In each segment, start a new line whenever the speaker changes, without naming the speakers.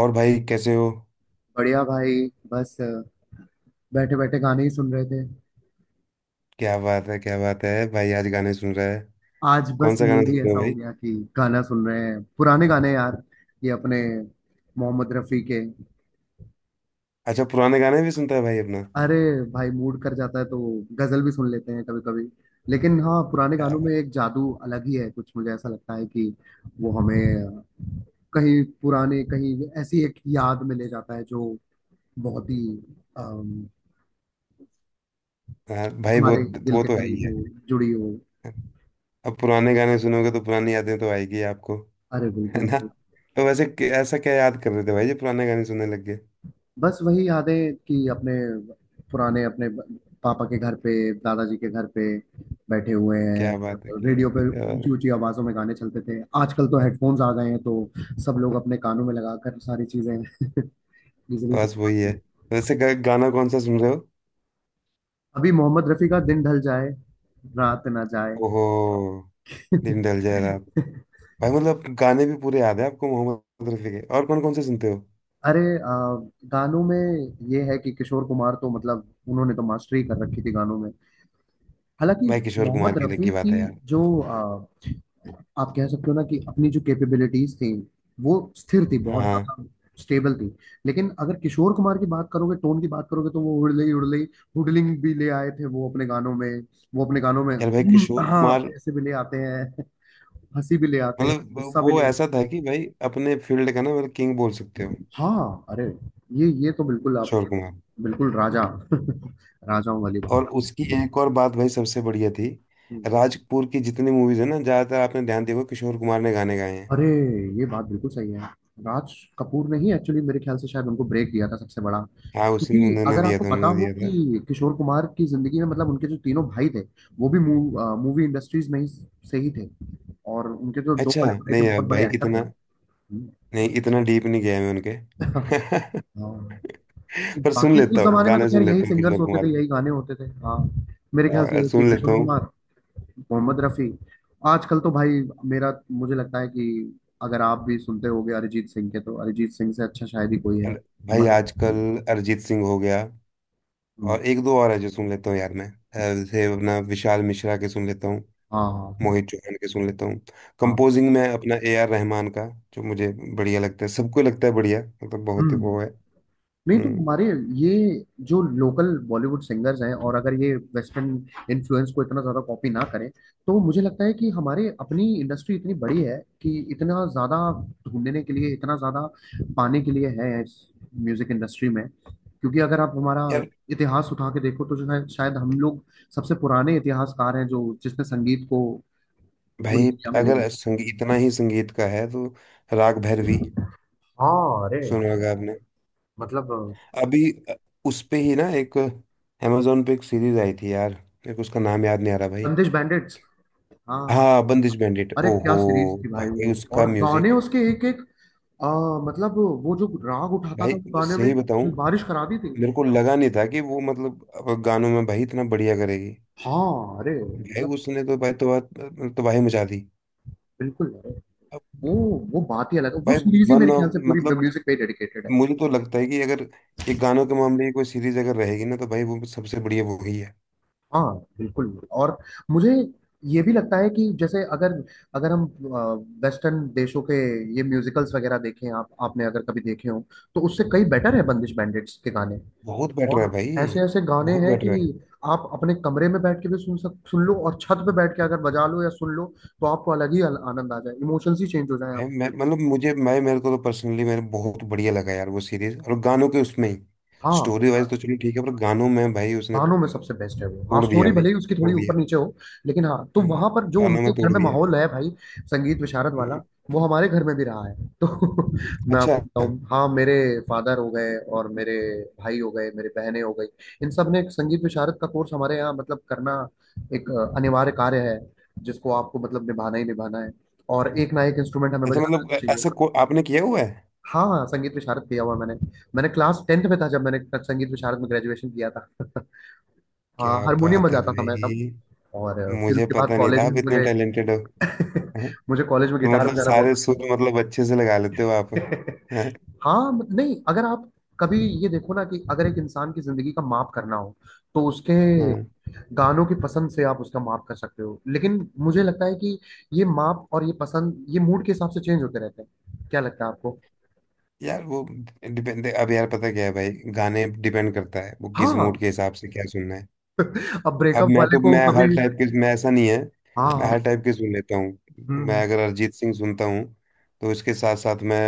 और भाई कैसे हो।
बढ़िया भाई। बस बैठे बैठे गाने ही सुन रहे थे।
क्या बात है क्या बात है, भाई आज गाने सुन रहा है।
आज बस
कौन सा गाना
मूड
सुन
ही
रहे हो
ऐसा हो
भाई।
गया कि गाना सुन रहे हैं, पुराने गाने यार। ये अपने मोहम्मद रफ़ी के।
अच्छा, पुराने गाने भी सुनता है भाई अपना।
अरे भाई, मूड कर जाता है तो गजल भी सुन लेते हैं कभी कभी। लेकिन हाँ, पुराने
क्या
गानों में
बात।
एक जादू अलग ही है कुछ, मुझे ऐसा लगता है कि वो हमें कहीं पुराने, कहीं ऐसी एक याद में ले जाता है जो बहुत ही अम,
हाँ भाई वो
हमारे दिल
वो
के
तो है
करीब
ही है।
हो, जुड़ी हो।
अब पुराने गाने सुनोगे तो पुरानी यादें तो आएगी आपको।
अरे
है
बिल्कुल।
ना। तो वैसे ऐसा क्या याद कर रहे थे भाई, ये पुराने गाने सुनने लग गए।
बस वही यादें कि अपने पुराने, अपने पापा के घर पे, दादाजी के घर पे बैठे हुए
क्या बात है
हैं,
क्या
रेडियो
बात है
पे
क्या
ऊंची
बात
ऊंची आवाजों में गाने चलते थे। आजकल तो
है। हाँ,
हेडफोन्स आ गए हैं तो सब लोग अपने कानों में लगाकर सारी चीजें इजीली सुन
बस वही
पाते
है।
हैं।
वैसे गाना कौन सा सुन रहे हो।
अभी मोहम्मद रफी का दिन ढल जाए, रात ना जाए।
ओहो, दिन ढल जाएगा। भाई मतलब गाने भी पूरे याद है आपको मोहम्मद रफी के, और कौन कौन से सुनते हो।
अरे गानों में ये है कि किशोर कुमार तो मतलब उन्होंने तो मास्टरी कर रखी थी गानों में। हालांकि
भाई किशोर कुमार
मोहम्मद
की अलग
रफी
की बात
की
है यार।
जो, आप कह सकते हो ना कि अपनी जो कैपेबिलिटीज थी वो स्थिर थी बहुत
हाँ।
ज्यादा, स्टेबल थी। लेकिन अगर किशोर कुमार की बात करोगे, टोन की बात करोगे, तो वो हुडले हुडले हुडलिंग भी ले आए थे वो अपने गानों में। वो अपने गानों में
यार भाई किशोर
हाँ,
कुमार,
ऐसे भी ले आते हैं, हंसी भी ले आते हैं,
मतलब
गुस्सा भी
वो
ले आते हैं।
ऐसा था कि भाई अपने फील्ड का ना, मतलब किंग बोल सकते हो।
हाँ अरे, ये तो बिल्कुल आप,
किशोर कुमार।
बिल्कुल राजा राजाओं वाली बात।
और उसकी एक और बात भाई सबसे बढ़िया थी।
हम्म।
राज कपूर की जितनी मूवीज है ना, ज्यादातर आपने ध्यान दिया होगा किशोर कुमार ने गाने गाए हैं।
अरे ये बात बिल्कुल सही है। राज कपूर ने ही एक्चुअली मेरे ख्याल से शायद उनको ब्रेक दिया था सबसे बड़ा।
हाँ उसी,
क्योंकि
उन्होंने
अगर
दिया
आपको
था,
पता
उन्होंने
हो
दिया था।
कि किशोर कुमार की जिंदगी में, मतलब उनके जो तीनों भाई थे वो भी मूवी इंडस्ट्रीज में ही से ही थे। और उनके जो दो
अच्छा,
बड़े भाई
नहीं
थे
यार
बहुत
भाई
बड़े एक्टर
इतना,
थे।
नहीं इतना डीप नहीं गया मैं उनके।
हम्म। हाँ।
पर सुन
बाकी उस
लेता हूँ,
जमाने में तो
गाने
खैर
सुन
यही
लेता हूँ
सिंगर्स
किशोर
होते
कुमार
थे,
के।
यही गाने होते थे। हाँ, मेरे ख्याल
हाँ,
से कि
सुन लेता
किशोर
हूँ।
कुमार, मोहम्मद रफी। आजकल तो भाई मेरा, मुझे लगता है कि अगर आप भी सुनते होगे अरिजीत सिंह के, तो अरिजीत सिंह से अच्छा शायद ही कोई है
अर- भाई
हमारे।
आजकल अरिजीत सिंह हो गया,
हम्म।
और एक दो और है जो सुन लेता हूँ यार मैं, जैसे अपना विशाल मिश्रा के सुन लेता हूँ।
हाँ हाँ
मोहित चौहान के सुन लेता हूँ।
हाँ।
कंपोजिंग में अपना ए आर रहमान का, जो मुझे बढ़िया लगता है। सबको लगता है बढ़िया, मतलब बहुत ही
हम्म।
वो है।
नहीं तो
हम्म,
हमारे ये जो लोकल बॉलीवुड सिंगर्स हैं, और अगर ये वेस्टर्न इन्फ्लुएंस को इतना ज्यादा कॉपी ना करें, तो मुझे लगता है कि हमारे अपनी इंडस्ट्री इतनी बड़ी है कि इतना ज्यादा ढूंढने के लिए, इतना ज्यादा पाने के लिए है इस म्यूजिक इंडस्ट्री में। क्योंकि अगर आप हमारा
यार
इतिहास उठा के देखो तो जो है शायद हम लोग सबसे पुराने इतिहासकार हैं जो, जिसने संगीत को पूरी
भाई
दुनिया में ले
अगर
आया।
संगीत इतना ही संगीत का है तो राग भैरवी
हाँ अरे
सुना होगा आपने।
मतलब
अभी उस पे ही ना एक अमेजोन पे एक सीरीज आई थी यार, मेरे को उसका नाम याद नहीं आ रहा भाई।
बंदिश बैंडिट्स। हाँ हाँ,
हाँ बंदिश बैंडिट,
अरे क्या
ओहो।
सीरीज थी भाई
भाई
वो,
उसका
और गाने
म्यूजिक।
उसके एक एक। आ, मतलब वो जो राग उठाता
भाई
था, वो
मैं
गाने में
सही बताऊं,
उसने बारिश करा दी थी।
मेरे को लगा नहीं था कि वो मतलब अब गानों में भाई इतना बढ़िया करेगी।
हाँ अरे
भाई
मतलब
उसने तो भाई तो बात, तो भाई मचा दी।
बिल्कुल। अरे
अब
वो वो बात ही अलग है, वो
भाई
सीरीज ही
वन
मेरे ख्याल
ऑफ,
से पूरी
मतलब
म्यूजिक पे डेडिकेटेड है।
मुझे तो लगता है कि अगर ये गानों के मामले की कोई सीरीज अगर रहेगी ना, तो भाई वो सबसे बढ़िया वो ही है।
हाँ बिल्कुल। और मुझे ये भी लगता है कि जैसे अगर, अगर हम वेस्टर्न देशों के ये म्यूजिकल्स वगैरह देखें, आप आपने अगर कभी देखे हो, तो उससे कई बेटर है बंदिश बैंडिट्स के गाने।
बहुत बेटर है
और
भाई,
ऐसे ऐसे गाने
बहुत
हैं
बेटर है।
कि आप अपने कमरे में बैठ के भी सुन लो, और छत पे बैठ के अगर बजा लो या सुन लो, तो आपको अलग ही आनंद आ जाए, इमोशंस ही चेंज हो जाए
है, मैं
आपके।
मतलब मुझे, मैं मेरे को तो पर्सनली मेरे बहुत बढ़िया लगा यार वो सीरीज और गानों के उसमें ही।
हाँ,
स्टोरी वाइज तो चलो ठीक है, पर गानों में भाई उसने
कहानों में सबसे
तोड़
बेस्ट है वो। हाँ,
दिया
स्टोरी
भाई,
भले ही उसकी थोड़ी
तोड़ दिया।
ऊपर नीचे हो, लेकिन हाँ। तो
हम्म,
वहां पर जो
गानों में
उनके घर
तोड़
में
दिया।
माहौल है भाई, संगीत विशारद वाला,
हम्म,
वो हमारे घर में भी रहा है। तो मैं
अच्छा।
आपको बताऊं, हाँ, मेरे फादर हो गए, और मेरे भाई हो गए, मेरे बहनें हो गई। इन सब ने एक संगीत विशारद का कोर्स हमारे यहाँ मतलब करना, एक अनिवार्य कार्य है, जिसको आपको मतलब निभाना ही निभाना है। और एक ना एक इंस्ट्रूमेंट हमें
अच्छा
बजाना
मतलब
आना चाहिए।
ऐसा को आपने किया हुआ है।
हाँ हाँ, संगीत विशारद किया हुआ मैंने। मैंने क्लास टेंथ में था जब मैंने संगीत विशारद में ग्रेजुएशन किया था। हाँ,
क्या
हारमोनियम
बात है
बजाता था मैं तब।
भाई,
और फिर
मुझे
उसके बाद
पता नहीं
कॉलेज
था
में
आप इतने
मुझे,
टैलेंटेड हो। हैं?
मुझे कॉलेज में
तो
गिटार
मतलब
बजाना बहुत
सारे सुर
पसंद
मतलब अच्छे से लगा लेते हो आप।
है।
हैं?
हाँ नहीं, अगर आप कभी ये देखो ना कि अगर एक इंसान की जिंदगी का माप करना हो, तो उसके
हम्म।
गानों की पसंद से आप उसका माप कर सकते हो। लेकिन मुझे लगता है कि ये माप और ये पसंद, ये मूड के हिसाब से चेंज होते रहते हैं। क्या लगता है आपको?
यार वो डिपेंड, अब यार पता क्या है भाई, गाने डिपेंड करता है वो किस मूड
हाँ।
के हिसाब से क्या सुनना है।
अब
अब
ब्रेकअप
मैं
वाले
तो,
को
मैं हर
कभी,
टाइप के, मैं ऐसा नहीं है,
हाँ
मैं हर
हाँ।
टाइप के सुन लेता हूँ। मैं
हम्म।
अगर अरिजीत सिंह सुनता हूँ, तो उसके साथ साथ मैं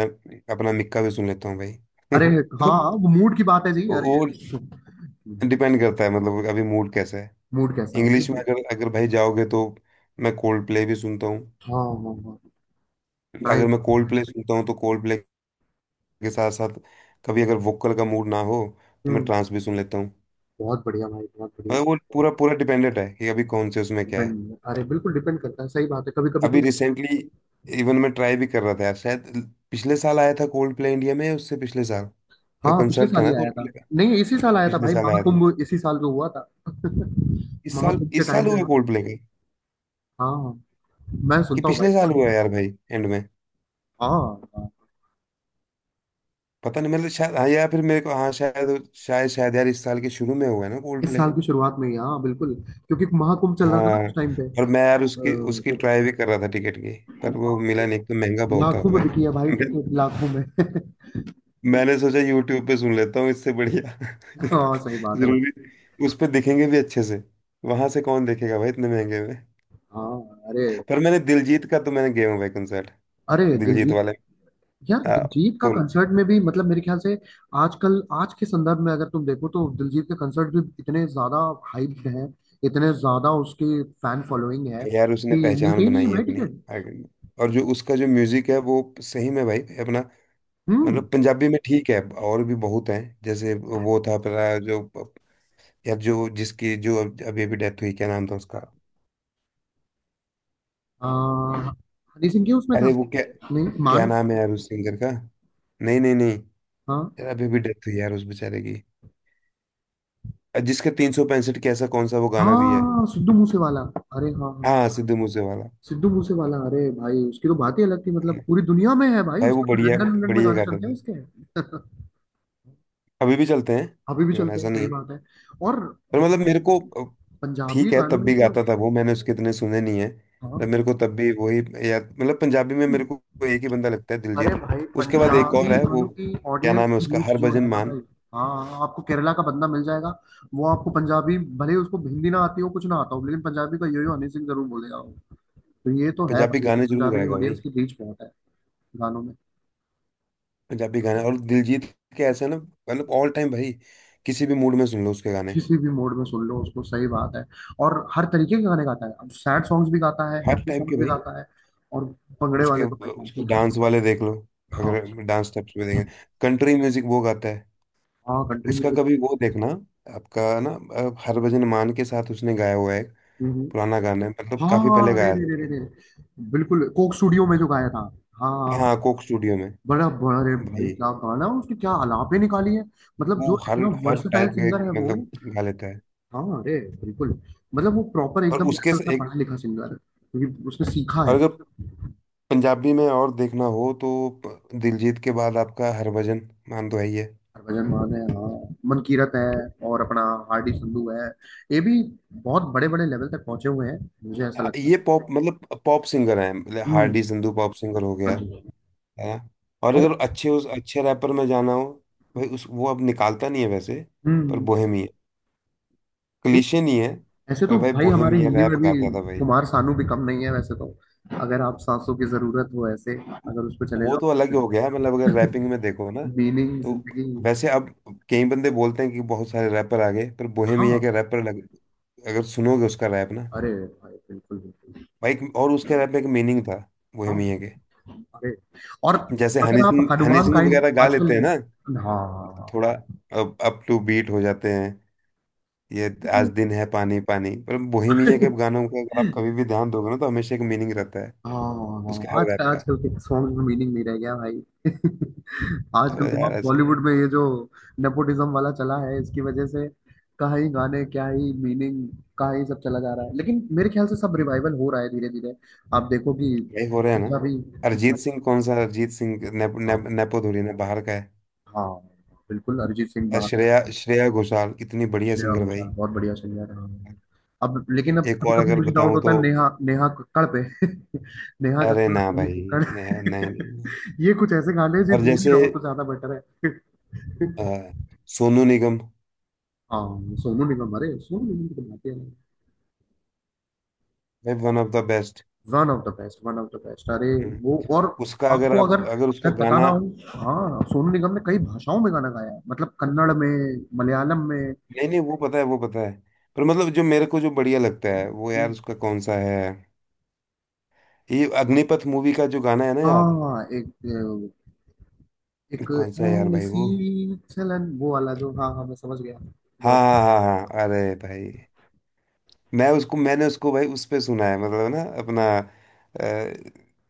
अपना मिक्का भी सुन लेता हूँ भाई।
अरे
तो
हाँ, वो मूड की बात है जी
वो
अरे।
डिपेंड करता है मतलब अभी मूड कैसा है।
मूड कैसा है।
इंग्लिश में अगर, अगर भाई जाओगे तो मैं कोल्ड प्ले भी सुनता हूँ।
हाँ हाँ हाँ,
अगर
नाइस।
मैं कोल्ड प्ले सुनता हूँ तो कोल्ड प्ले के साथ साथ, कभी अगर वोकल का मूड ना हो तो मैं
हम्म।
ट्रांस भी सुन लेता हूँ।
बहुत बढ़िया भाई, बहुत बढ़िया।
मतलब वो पूरा पूरा डिपेंडेंट है कि अभी कौन से उसमें क्या है।
डिपेंड, अरे बिल्कुल डिपेंड करता है, सही बात है कभी कभी
अभी
तो।
रिसेंटली इवन मैं ट्राई भी कर रहा था यार। शायद पिछले साल आया था कोल्ड प्ले इंडिया में, या उससे पिछले साल का
हाँ पिछले
कंसर्ट था
साल ही
ना
आया
कोल्ड
था।
प्ले का।
नहीं इसी साल आया था
पिछले
भाई,
साल आया था।
महाकुंभ इसी साल जो हुआ था,
इस साल,
महाकुंभ के
इस
टाइम
साल
पे।
हुआ कोल्ड प्ले का।
हाँ हाँ, मैं
कि
सुनता हूँ भाई।
पिछले साल हुआ यार भाई एंड में।
हाँ हाँ,
पता नहीं मतलब, शायद हाँ या फिर, मेरे को हाँ शायद शायद शायद यार इस साल के शुरू में हुआ है ना कोल्ड
इस
प्ले।
साल की शुरुआत में ही, हाँ बिल्कुल। क्योंकि महाकुंभ चल रहा था ना
हाँ।
उस टाइम पे।
और मैं यार
और,
उसकी, उसकी
वो-
ट्राई भी कर रहा था टिकट की। पर
हाँ,
वो
अरे,
मिला नहीं, एक तो महंगा बहुत था
लाखों में
भाई।
बिकी है भाई
मैं-
टिकट, लाखों में।
मैंने सोचा यूट्यूब पे सुन लेता हूँ इससे बढ़िया।
हाँ सही बात है
जरूरी
भाई।
उस पे दिखेंगे भी अच्छे से, वहां से कौन देखेगा भाई इतने महंगे में।
हाँ अरे।
पर मैंने दिलजीत का, तो मैंने गया हूँ भाई कंसर्ट,
अरे
दिलजीत
दिलजीत,
वाले।
यार
आ,
दिलजीत का
फुल।
कंसर्ट में भी मतलब मेरे ख्याल से, आजकल आज के संदर्भ में अगर तुम देखो तो दिलजीत के कंसर्ट भी इतने ज्यादा हाइप हैं, इतने ज्यादा उसकी फैन फॉलोइंग है
यार उसने
कि मिलते
पहचान
ही नहीं
बनाई
है
है
भाई
अपनी,
टिकट।
आर्टिस्ट ने। और जो उसका जो म्यूजिक है वो सही में भाई अपना,
हम्म।
मतलब पंजाबी में ठीक है, और भी बहुत है। जैसे वो था अपना जो, या जो जिसकी जो अभी अभी डेथ हुई, क्या नाम था उसका।
आ, हनी सिंह के उसमें था।
अरे वो क्या,
नहीं
क्या
मान,
नाम है यार उस सिंगर का। नहीं नहीं नहीं,
हाँ
यार अभी अभी डेथ हुई यार उस बेचारे की, जिसका 365 कैसा कौन सा वो गाना भी है।
हाँ सिद्धू मूसेवाला। अरे हाँ हाँ,
हाँ सिद्धू मूसे वाला।
सिद्धू मूसेवाला, अरे भाई उसकी तो बात ही अलग थी मतलब, पूरी दुनिया में है भाई
भाई वो
उसका तो,
बढ़िया,
लंदन, लंदन में
बढ़िया
गाने
गाते
चलते हैं
थे।
उसके।
अभी भी चलते हैं।
अभी भी
इवन
चलते हैं,
ऐसा नहीं
सही
है।
बात है। और
पर मतलब मेरे को, अ,
पंजाबी
ठीक है
गानों
तब
में
भी
तो,
गाता था वो, मैंने उसके इतने सुने नहीं है। पर
हाँ
मेरे को तब भी वही याद, मतलब पंजाबी में मेरे को एक ही बंदा लगता है,
अरे
दिलजीत।
भाई
उसके बाद एक और
पंजाबी
है वो,
गानों की
क्या
ऑडियंस
नाम है
की
उसका,
रीच जो
हरभजन
है ना भाई,
मान।
हाँ हाँ, आपको केरला का बंदा मिल जाएगा, वो आपको पंजाबी, भले उसको हिंदी ना आती हो, कुछ ना आता हो, लेकिन पंजाबी का यो यो हनी सिंह जरूर बोलेगा वो। तो ये तो है
पंजाबी
भाई कि
गाने जरूर
पंजाबी
गाएगा
ऑडियंस
भाई।
की रीच बहुत है गानों में।
पंजाबी गाने, और दिलजीत के ऐसे ना, मतलब ऑल टाइम भाई किसी भी मूड में सुन लो उसके गाने।
किसी भी मोड में सुन लो उसको, सही बात है। और हर तरीके के गाने गाता है, अब सैड सॉन्ग्स भी गाता है,
हर
हैप्पी
टाइप के
सॉन्ग्स भी
भाई।
गाता है। और भंगड़े
उसके,
वाले तो भाई बात
उसके
ही
डांस
खत्म।
वाले देख लो। अगर
हाँ,
डांस स्टेप्स में देखें, कंट्री म्यूजिक वो गाता है।
हाँ कंट्री
उसका कभी वो देखना, आपका ना हरभजन मान के साथ उसने गाया हुआ है एक,
म्यूजिक।
पुराना गाना है, मतलब
हाँ
काफी
हाँ,
पहले
अरे
गाया
रे
था
रे
उसने।
रे रे, बिल्कुल कोक स्टूडियो में जो गाया था। हाँ,
हाँ कोक स्टूडियो में।
बड़ा बड़ा रे भाई,
भाई
क्या गाना है, उसकी क्या अलापे निकाली है, मतलब
वो
जो
हर,
इतना
हर
वर्सेटाइल
टाइप
सिंगर है
के
वो।
मतलब गा लेता है।
हाँ अरे बिल्कुल। मतलब वो प्रॉपर
और
एकदम
उसके
ऐसा
से
लगता है
एक
पढ़ा लिखा सिंगर है, क्योंकि उसने सीखा
और,
है।
अगर पंजाबी में और देखना हो तो दिलजीत के बाद आपका हरभजन मान तो है ही है।
भजन मान है हाँ, मनकीरत है, और अपना हार्डी संधू है। ये भी बहुत बड़े बड़े लेवल तक पहुंचे हुए हैं, मुझे ऐसा लगता है।
ये पॉप, मतलब पॉप सिंगर है
हम्म।
हार्डी संधू, पॉप सिंगर हो गया।
हाँ जी।
है ना। और
और,
अगर अच्छे, उस अच्छे रैपर में जाना हो, भाई उस वो अब निकालता नहीं है वैसे, पर
हम्म।
बोहेमिया
नहीं,
क्लीशे नहीं है।
ऐसे
पर
तो
भाई
भाई हमारे
बोहेमिया
हिंदी में
रैप
भी
गाता था भाई।
कुमार सानू भी कम नहीं है वैसे तो, अगर आप सांसों की जरूरत हो, ऐसे अगर उस पर चले
वो
जाओ,
तो अलग ही हो गया है, मतलब अगर रैपिंग में देखो ना,
मीनिंग
तो
जिंदगी।
वैसे अब कई बंदे बोलते हैं कि बहुत सारे रैपर आ गए, पर बोहेमिया
हाँ
के रैपर लग। अगर सुनोगे उसका रैप ना,
अरे भाई बिल्कुल बिल्कुल।
भाई और उसके रैप में एक मीनिंग था,
हाँ
बोहेमिया के।
अरे, और
जैसे हनी
अगर आप
सिंह, हनी
हनुमान
सिंह
काइंड
वगैरह गा
आजकल,
लेते हैं ना,
हाँ हाँ हाँ।
थोड़ा अप टू बीट हो जाते हैं। ये आज दिन है पानी पानी, पर बोहेमिया के गानों का अगर आप कभी भी ध्यान दोगे ना, तो हमेशा एक मीनिंग रहता है
हाँ,
उसके
हाँ,
हर
आज
रैप का।
आजकल के सॉन्ग में मीनिंग नहीं रह गया भाई।
अब
आजकल तो
यार
आप
ऐसे ही।
बॉलीवुड में ये जो नेपोटिज्म वाला चला है इसकी वजह से, क्या ही गाने, क्या ही मीनिंग, क्या ही सब चला जा रहा है। लेकिन मेरे ख्याल से सब रिवाइवल हो रहा है धीरे धीरे। आप देखो कि
यही हो रहा है ना।
पंजाबी,
अरिजीत सिंह कौन सा, अरिजीत सिंह नेप,
हाँ
नेप, नेपो धुरी ना, बाहर का है।
हाँ बिल्कुल अरिजीत सिंह
और
बाहर,
श्रेया, श्रेया घोषाल कितनी बढ़िया
श्रेया
सिंगर भाई।
घोषाल बहुत बढ़िया सिंगर है हाँ। अब लेकिन अब
एक
कभी
और
कभी
अगर
मुझे डाउट
बताऊं
होता
तो,
है नेहा नेहा कक्कड़ पे। नेहा
अरे
कक्कड़ और
ना
सोनी
भाई,
कक्कड़।
नहीं नहीं, नहीं।
ये कुछ ऐसे गाने हैं, जो
और
दूर ही
जैसे
रहो तो ज्यादा बेटर है।
अ, सोनू निगम,
हाँ सोनू निगम, अरे सोनू निगम की तो बात ही अलग है।
भाई one of the best.
One of the best, one of the best. अरे वो और,
उसका अगर
आपको
आप,
अगर
अगर उसका
शायद पता ना
गाना,
हो, हाँ सोनू निगम ने कई भाषाओं में गाना गाया है, मतलब कन्नड़ में, मलयालम में।
नहीं नहीं वो पता है, वो पता है। पर मतलब जो मेरे को जो बढ़िया लगता है वो, यार उसका कौन सा है, ये अग्निपथ मूवी का जो गाना है ना यार।
हाँ एक, एक
कौन सा है यार भाई
ऐसी
वो।
चलन वो वाला जो, हाँ हाँ मैं समझ गया।
हाँ
जो
हाँ हाँ हाँ अरे भाई, मैं उसको, मैंने उसको भाई उस पे सुना है, मतलब ना अपना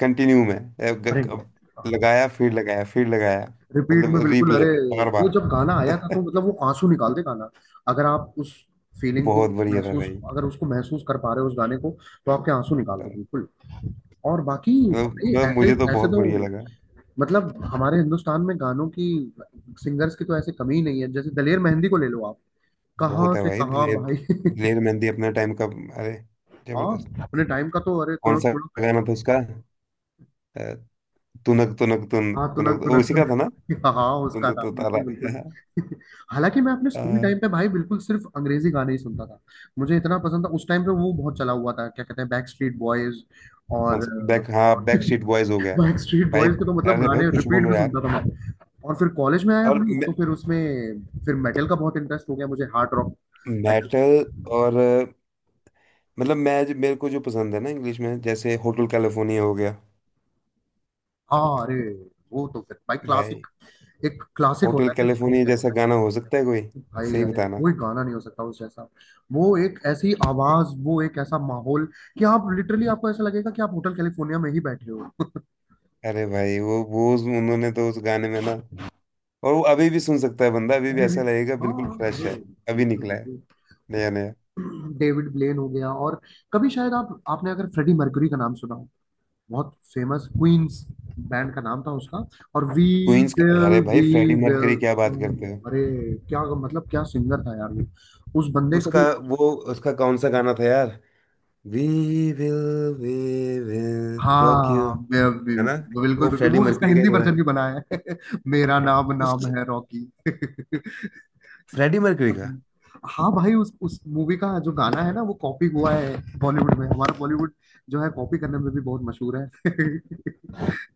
कंटिन्यू में,
अरे हाँ,
लगाया फिर लगाया फिर लगाया।
रिपीट
मतलब
में बिल्कुल।
रिप्ले
अरे
पे बार
वो
बार।
जब गाना आया था तो मतलब वो आंसू निकाल दे गाना। अगर आप उस फीलिंग को
बहुत बढ़िया था
महसूस,
भाई,
अगर उसको महसूस कर पा रहे हो उस गाने को, तो आपके आंसू निकाल दे
मतलब,
बिल्कुल। और बाकी भाई
मतलब
ऐसे
मुझे तो
ऐसे
बहुत
तो,
बढ़िया लगा।
मतलब हमारे हिंदुस्तान में गानों की, सिंगर्स की तो ऐसे कमी ही नहीं है। जैसे दलेर मेहंदी को ले लो आप,
बहुत
कहाँ
है
से
भाई,
कहाँ
दिलेर,
भाई।
दिलेर मेहंदी अपने टाइम का, अरे जबरदस्त।
हाँ अपने टाइम का तो अरे,
कौन सा
तुड़क,
गाना था उसका, अ, तुनक तुनक तुन
हाँ तुनक
तुनक, वो
तुनक
उसी का
तुनक।
था ना।
हाँ हाँ,
तुन
उसका
तुन
था,
तुन
बिल्कुल बिल्कुल।
तारा।
हालांकि मैं अपने स्कूल
अ,
टाइम पे भाई बिल्कुल सिर्फ अंग्रेजी गाने ही सुनता था। मुझे इतना पसंद था उस टाइम पे, वो बहुत चला हुआ था, क्या कहते हैं, बैक स्ट्रीट बॉयज।
कौन
और
सा बैक, हाँ बैक स्ट्रीट बॉयज हो गया।
बैक स्ट्रीट
भाई,
बॉयज के तो मतलब
अरे भाई
गाने
कुछ
रिपीट
बोलो
भी
यार।
सुनता था मैं। और फिर कॉलेज में आया
और
भाई, तो फिर उसमें, फिर मेटल का बहुत इंटरेस्ट हो गया मुझे हार्ड रॉक मेटल।
मेटल। और मतलब मैं जो, मेरे को जो पसंद है ना इंग्लिश में, जैसे होटल कैलिफोर्निया हो गया।
हाँ। अरे वो तो फिर भाई
भाई
क्लासिक। एक क्लासिक
होटल
होता है ना जिसको।
कैलिफोर्निया जैसा गाना हो सकता है कोई,
भाई
सही
अरे
बताना।
कोई गाना नहीं हो सकता उस जैसा। वो एक ऐसी आवाज वो एक ऐसा माहौल कि आप लिटरली आपको ऐसा लगेगा कि आप होटल कैलिफोर्निया में ही बैठे हो।
अरे भाई वो उन्होंने तो उस गाने में ना, और वो अभी भी सुन सकता है बंदा, अभी भी
अभी भी।
ऐसा लगेगा
हाँ।
बिल्कुल फ्रेश
अरे
है, अभी
बिल्कुल
निकला है,
बिल्कुल।
नया नया।
डेविड ब्लेन हो गया। और कभी शायद आप आपने अगर फ्रेडी मर्क्यूरी का नाम सुना हो। बहुत फेमस क्वींस बैंड का नाम था उसका। और वी
क्वींस का यार
विल
भाई,
वी
फ्रेडी
विल।
मर्करी क्या बात करते हो।
अरे क्या मतलब क्या सिंगर था यार वो उस बंदे को
उसका
भी।
वो, उसका कौन सा गाना था यार, we will, we will rock you.
हाँ।
है ना।
बिल्कुल
वो
बिल्कुल
फ्रेडी
वो इसका
मर्करी का ही
हिंदी
तो है,
वर्जन भी बना है। मेरा नाम नाम
उसका,
है रॉकी।
फ्रेडी मर्करी का।
हाँ भाई उस मूवी का जो गाना है ना वो कॉपी हुआ है बॉलीवुड में। हमारा बॉलीवुड जो है कॉपी करने में भी बहुत मशहूर है।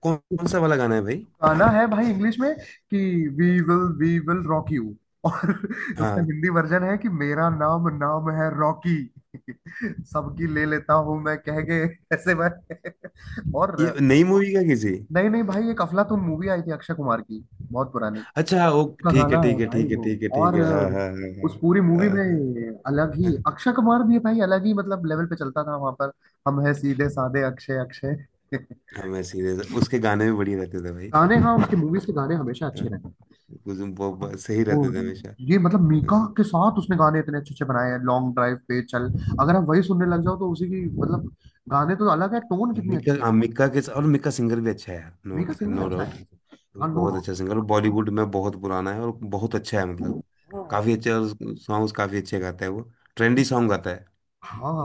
कौन कौन सा वाला गाना है भाई।
गाना है भाई इंग्लिश में कि वी विल रॉक यू। और उसका
हाँ,
हिंदी वर्जन है कि मेरा नाम नाम है रॉकी। सबकी ले लेता हूं मैं कह के ऐसे भाई। और
ये नई मूवी का किसी।
नहीं नहीं भाई एक अफलातून मूवी आई थी अक्षय कुमार की बहुत पुरानी।
अच्छा वो
उसका
ठीक है
गाना है
ठीक है
भाई
ठीक है
वो।
ठीक है ठीक
और
है, हाँ
अ,
हाँ हाँ
उस पूरी
हाँ हाँ
मूवी
हाँ।
में अलग ही
हाँ,
अक्षय कुमार भी भाई अलग ही मतलब लेवल पे चलता था वहां पर। हम है सीधे साधे अक्षय अक्षय।
हाँ, मैं सीरियस, उसके गाने भी बढ़िया रहते थे भाई।
गाने हाँ उसकी मूवीज के गाने हमेशा अच्छे
हाँ,
रहे।
कुछ वो सही
वो
रहते थे हमेशा।
ये मतलब मीका
हाँ।
के साथ उसने गाने इतने अच्छे अच्छे बनाए हैं लॉन्ग ड्राइव पे चल। अगर आप वही सुनने लग जाओ तो उसी की मतलब गाने तो अलग है टोन कितनी
मिक्का,
अच्छी है।
हाँ मिक्का के, और मिक्का सिंगर भी अच्छा है यार। नो,
मीका सिंगर
नो
अच्छा
डाउट।
है। हाँ नो
बहुत अच्छा सिंगर,
डाउट।
बॉलीवुड में बहुत पुराना है और बहुत अच्छा है, मतलब काफी अच्छे, और सॉन्ग्स काफी अच्छे गाता है वो। ट्रेंडी सॉन्ग गाता है,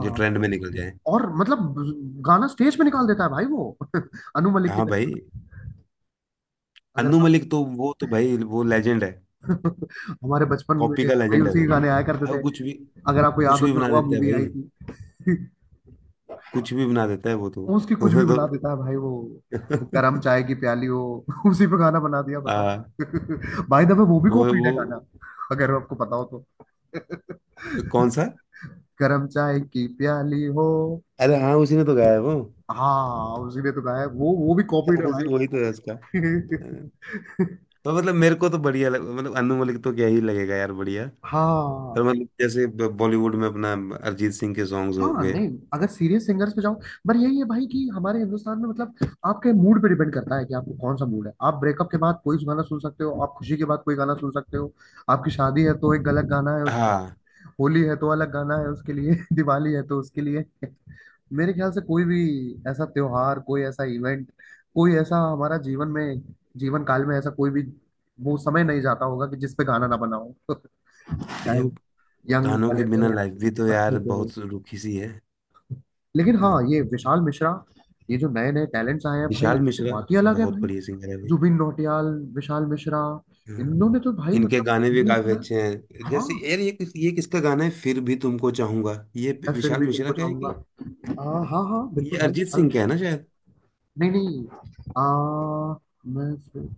जो ट्रेंड में निकल जाए।
और मतलब गाना स्टेज पे निकाल देता है भाई वो। अनु मलिक की
हाँ
तरह।
भाई।
अगर
अनु
आप
मलिक तो, वो तो भाई वो लेजेंड है।
हमारे बचपन में
कॉपी का
भाई
लेजेंड है
उसी के
वो
गाने आया करते
भाई, वो
थे।
कुछ भी,
अगर आपको याद
कुछ
हो
भी बना
जुड़वा
देता है।
मूवी
भाई
आई थी।
कुछ भी बना देता है वो तो।
उसकी कुछ
उसे
भी
तो।
बना देता है भाई वो। गरम चाय की प्याली हो उसी पे गाना बना दिया बताओ।
आ,
बाय द वे वो भी
वो
कॉपीड है
वो
गाना अगर आपको पता हो तो।
कौन सा?
गरम चाय की प्याली हो।
अरे हाँ, उसी ने तो गाया है वो।
हाँ उसी ने तो गाया है। वो भी कॉपीड है
उसी
भाई।
वही तो है उसका। हाँ। तो मतलब मेरे को तो बढ़िया लग मतलब अनु मलिक तो क्या ही लगेगा यार, बढ़िया। पर
हाँ
मतलब जैसे बॉलीवुड में अपना अरिजीत सिंह के सॉन्ग्स हो
हाँ
गए।
नहीं अगर सीरियस सिंगर्स पे जाओ। पर यही है भाई कि हमारे हिंदुस्तान में मतलब आपके मूड पे डिपेंड करता है कि आपको कौन सा मूड है। आप ब्रेकअप के बाद कोई गाना सुन सकते हो। आप खुशी के बाद कोई गाना सुन सकते हो। आपकी शादी है तो एक अलग गाना है उसके लिए।
हाँ
होली है तो अलग गाना है उसके लिए। दिवाली है तो उसके लिए। मेरे ख्याल से कोई भी ऐसा त्योहार कोई ऐसा इवेंट कोई ऐसा हमारा जीवन में जीवन काल में ऐसा कोई भी वो समय नहीं जाता होगा कि जिस पे गाना ना बना हो।
भाई।
चाहे वो
अब
यंग
गानों के
वाले पे
बिना
हो
लाइफ भी तो यार
बच्चों पे हो।
बहुत रुखी सी है।
लेकिन हाँ
हाँ,
ये विशाल मिश्रा ये जो नए नए टैलेंट्स आए हैं भाई
विशाल मिश्रा
बात ही अलग है
बहुत
भाई।
बढ़िया सिंगर है भाई।
जुबिन नौटियाल विशाल मिश्रा
हाँ,
इन्होंने तो भाई
इनके
मतलब
गाने भी
मुझे
काफी
लगता है।
अच्छे हैं। जैसे
हाँ
यार, ये ये किसका गाना है फिर भी तुमको चाहूंगा, ये
मैं फिर
विशाल
भी
मिश्रा
तुमको
का है
चाहूंगा।
कि
आ, हाँ हाँ
ये
बिल्कुल भाई
अरिजीत
विशाल
सिंह का
मिश्रा।
है ना शायद?
नहीं नहीं। आ, मैं फिर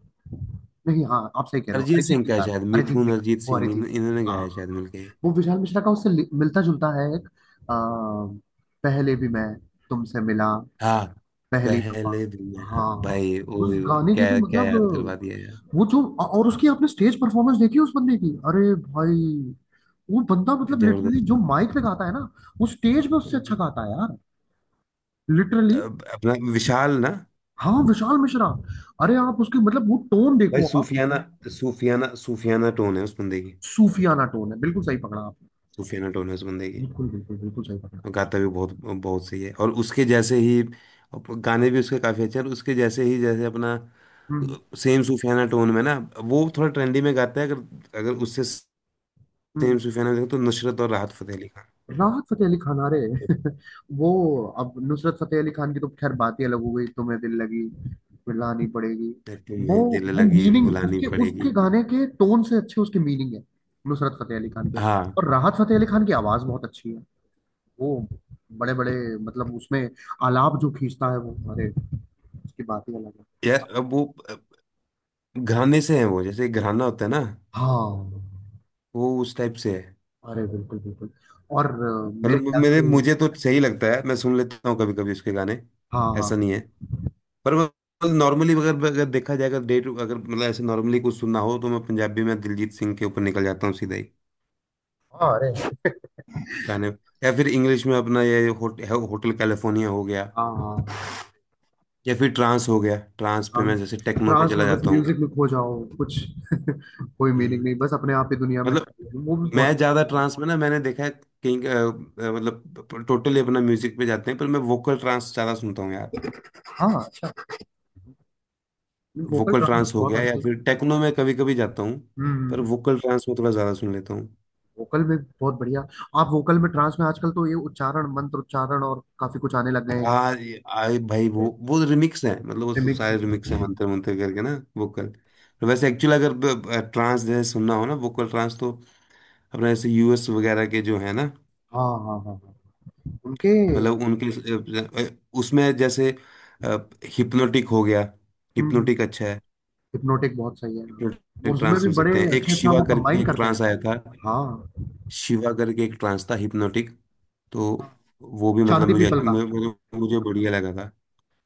नहीं। हाँ आप सही कह रहे हो
अरिजीत
अरिजीत
सिंह
सिंह
का है
का
शायद,
है, अरिजीत
मिथुन
सिंह।
अरिजीत
वो
सिंह इन,
अरिजीत सिंह का है,
इन्होंने
हाँ
गाया है
हाँ
शायद
हाँ।
मिलके।
वो विशाल मिश्रा का उससे मिलता जुलता है एक। आ, पहले भी मैं तुमसे मिला
हाँ,
पहली दफा।
पहले दुनिया
हाँ
भाई वो
उस
भी।
गाने की तो
क्या क्या
मतलब
याद करवा दिया यार।
वो जो और उसकी आपने स्टेज परफॉर्मेंस देखी उस बंदे की अरे भाई। वो बंदा मतलब लिटरली
जबरदस्त
जो
है।
माइक पे गाता है ना वो स्टेज पे उससे अच्छा
हम्म।
गाता है यार। लिटरली।
अब अपना विशाल ना
हाँ विशाल मिश्रा। अरे आप उसके मतलब वो टोन
भाई,
देखो आप।
सूफियाना सूफियाना सूफियाना टोन है उस बंदे की।
सूफियाना टोन है बिल्कुल सही पकड़ा आपने।
सूफियाना टोन है उस बंदे की।
बिल्कुल बिल्कुल बिल्कुल सही पकड़ा।
और गाता भी बहुत बहुत सही है और उसके जैसे ही और गाने भी उसके काफी अच्छे हैं। और उसके जैसे ही जैसे अपना
हम्म।
सेम सूफियाना टोन में ना, वो थोड़ा ट्रेंडी में गाता है। अगर अगर उससे सेम
हम्म।
सूफियाना देखो तो नुसरत और राहत फतेह अली खान।
राहत फतेह अली खान। अरे वो। अब नुसरत फतेह अली खान की तो खैर बात ही अलग हो गई। तुम्हें दिल लगी फिर लानी पड़ेगी। वो
तुम्हें दिल
वो
लगी
मीनिंग
बुलानी
उसके
पड़ेगी।
उसके गाने के टोन से अच्छे उसके मीनिंग है नुसरत फतेह अली खान के।
हाँ
और राहत फतेह अली खान की आवाज बहुत अच्छी है। वो बड़े बड़े मतलब उसमें आलाप जो खींचता है वो अरे उसकी बात ही अलग है।
यार, अब वो, अब घराने से है वो। जैसे घराना होता है ना,
हाँ
वो उस टाइप से है।
अरे बिल्कुल बिल्कुल। और मेरे
मतलब
ख्याल
मेरे
से।
मुझे तो सही लगता है, मैं सुन लेता हूँ कभी कभी उसके गाने।
हाँ हाँ
ऐसा नहीं है। पर नॉर्मली अगर अगर देखा जाए, अगर डे टू अगर मतलब ऐसे नॉर्मली कुछ सुनना हो तो मैं पंजाबी में दिलजीत सिंह के ऊपर निकल जाता हूँ सीधा ही,
हाँ। अरे
गाने। या फिर इंग्लिश में अपना ये होटल कैलिफोर्निया हो गया।
हाँ हाँ।
या फिर ट्रांस हो गया। ट्रांस पे मैं
ट्रांस।
जैसे टेक्नो पे
ट्रांस
चला
में बस
जाता हूँ।
म्यूजिक में खो जाओ कुछ। कोई मीनिंग
हम्म।
नहीं बस अपने आप ही दुनिया में।
मतलब
वो भी
मैं
बहुत।
ज्यादा ट्रांस में ना, मैंने देखा है कहीं मतलब टोटली अपना म्यूजिक पे जाते हैं, पर मैं वोकल ट्रांस ज्यादा सुनता हूँ यार।
हाँ वोकल
वोकल
ट्रांस
ट्रांस हो
बहुत
गया या
आजकल।
फिर टेक्नो में कभी कभी जाता हूँ। पर
हम्म।
वोकल ट्रांस में थोड़ा ज्यादा सुन लेता हूँ।
वोकल में बहुत बढ़िया। आप वोकल में ट्रांस में आजकल तो ये उच्चारण मंत्र उच्चारण और काफी कुछ आने लग गए हैं।
आ ये भाई, वो रिमिक्स है। मतलब वो तो
रिमिक्स।
सारे रिमिक्स है, मंत्र मंत्र करके ना वोकल। तो वैसे एक्चुअली अगर ट्रांस जैसे सुनना हो ना, वोकल ट्रांस, तो अपना जैसे यूएस वगैरह के जो है ना,
हाँ हाँ हाँ हाँ उनके।
मतलब उनके अ, अ, उसमें जैसे हिप्नोटिक हो गया।
हम्म।
हिप्नोटिक अच्छा है।
हिप्नोटिक बहुत सही है हाँ।
हिप्नोटिक
उसमें
ट्रांस
भी
सुन
बड़े
सकते हैं। एक
अच्छे अच्छा
शिवा
वो
करके
कंबाइन
एक
करते हैं।
ट्रांस आया था।
हाँ
शिवा करके एक ट्रांस था हिप्नोटिक। तो
हाँ,
वो भी मतलब
शांति
मुझे
पीपल का
मुझे, मुझे मुझे बढ़िया लगा था।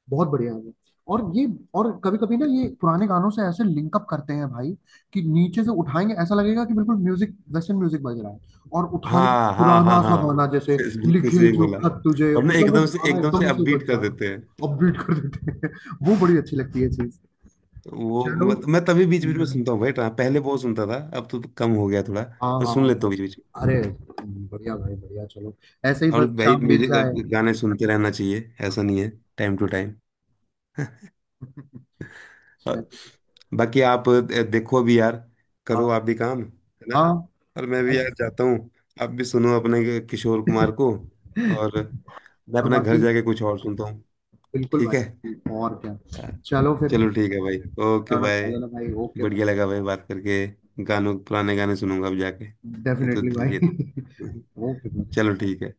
बहुत बढ़िया है वो। और ये और कभी कभी ना ये पुराने गानों से ऐसे लिंकअप करते हैं भाई कि नीचे से उठाएंगे ऐसा लगेगा कि बिल्कुल म्यूजिक वेस्टर्न म्यूजिक बज रहा है। और उठा ले
हाँ हाँ हाँ
पुराना सा
हाँ,
गाना जैसे
बिल्कुल
लिखे
सही
जो
बोला।
खत तुझे
और ना
मतलब वो
एकदम से,
गाना
एकदम से
एकदम से
अपबीट
बज
कर
रहा है।
देते हैं।
अब बीट कर देते हैं। वो बड़ी अच्छी लगती है चीज।
तो वो
चलो।
मत, मैं तभी बीच बीच में सुनता हूँ भाई। ट्रांस पहले बहुत सुनता था, अब तो कम हो गया थोड़ा।
हाँ
पर
हाँ
सुन लेता
हाँ।
हूँ बीच बीच में।
अरे बढ़िया भाई बढ़िया। चलो ऐसे ही
और
बस
भाई
शाम बीत
म्यूजिक,
जाए।
गाने सुनते रहना चाहिए। ऐसा नहीं है। Time to time.
अच्छा,
और बाकी आप देखो भी यार, करो
हाँ
आप भी, काम है ना,
हाँ
और मैं भी
बस।
यार जाता हूँ। आप भी सुनो अपने किशोर कुमार को, और मैं
और
अपना घर
बाकी
जाके कुछ और सुनता हूँ।
बिल्कुल
ठीक है।
भाई। और क्या।
हाँ,
चलो फिर।
चलो ठीक है भाई।
खाना
ओके,
वाना खा
बाय।
लेना भाई। ओके भाई।
बढ़िया लगा भाई बात करके। गानों पुराने गाने सुनूंगा अब जाके, नहीं तो
डेफिनेटली
दिल जीत।
भाई। ओके।
चलो ठीक है।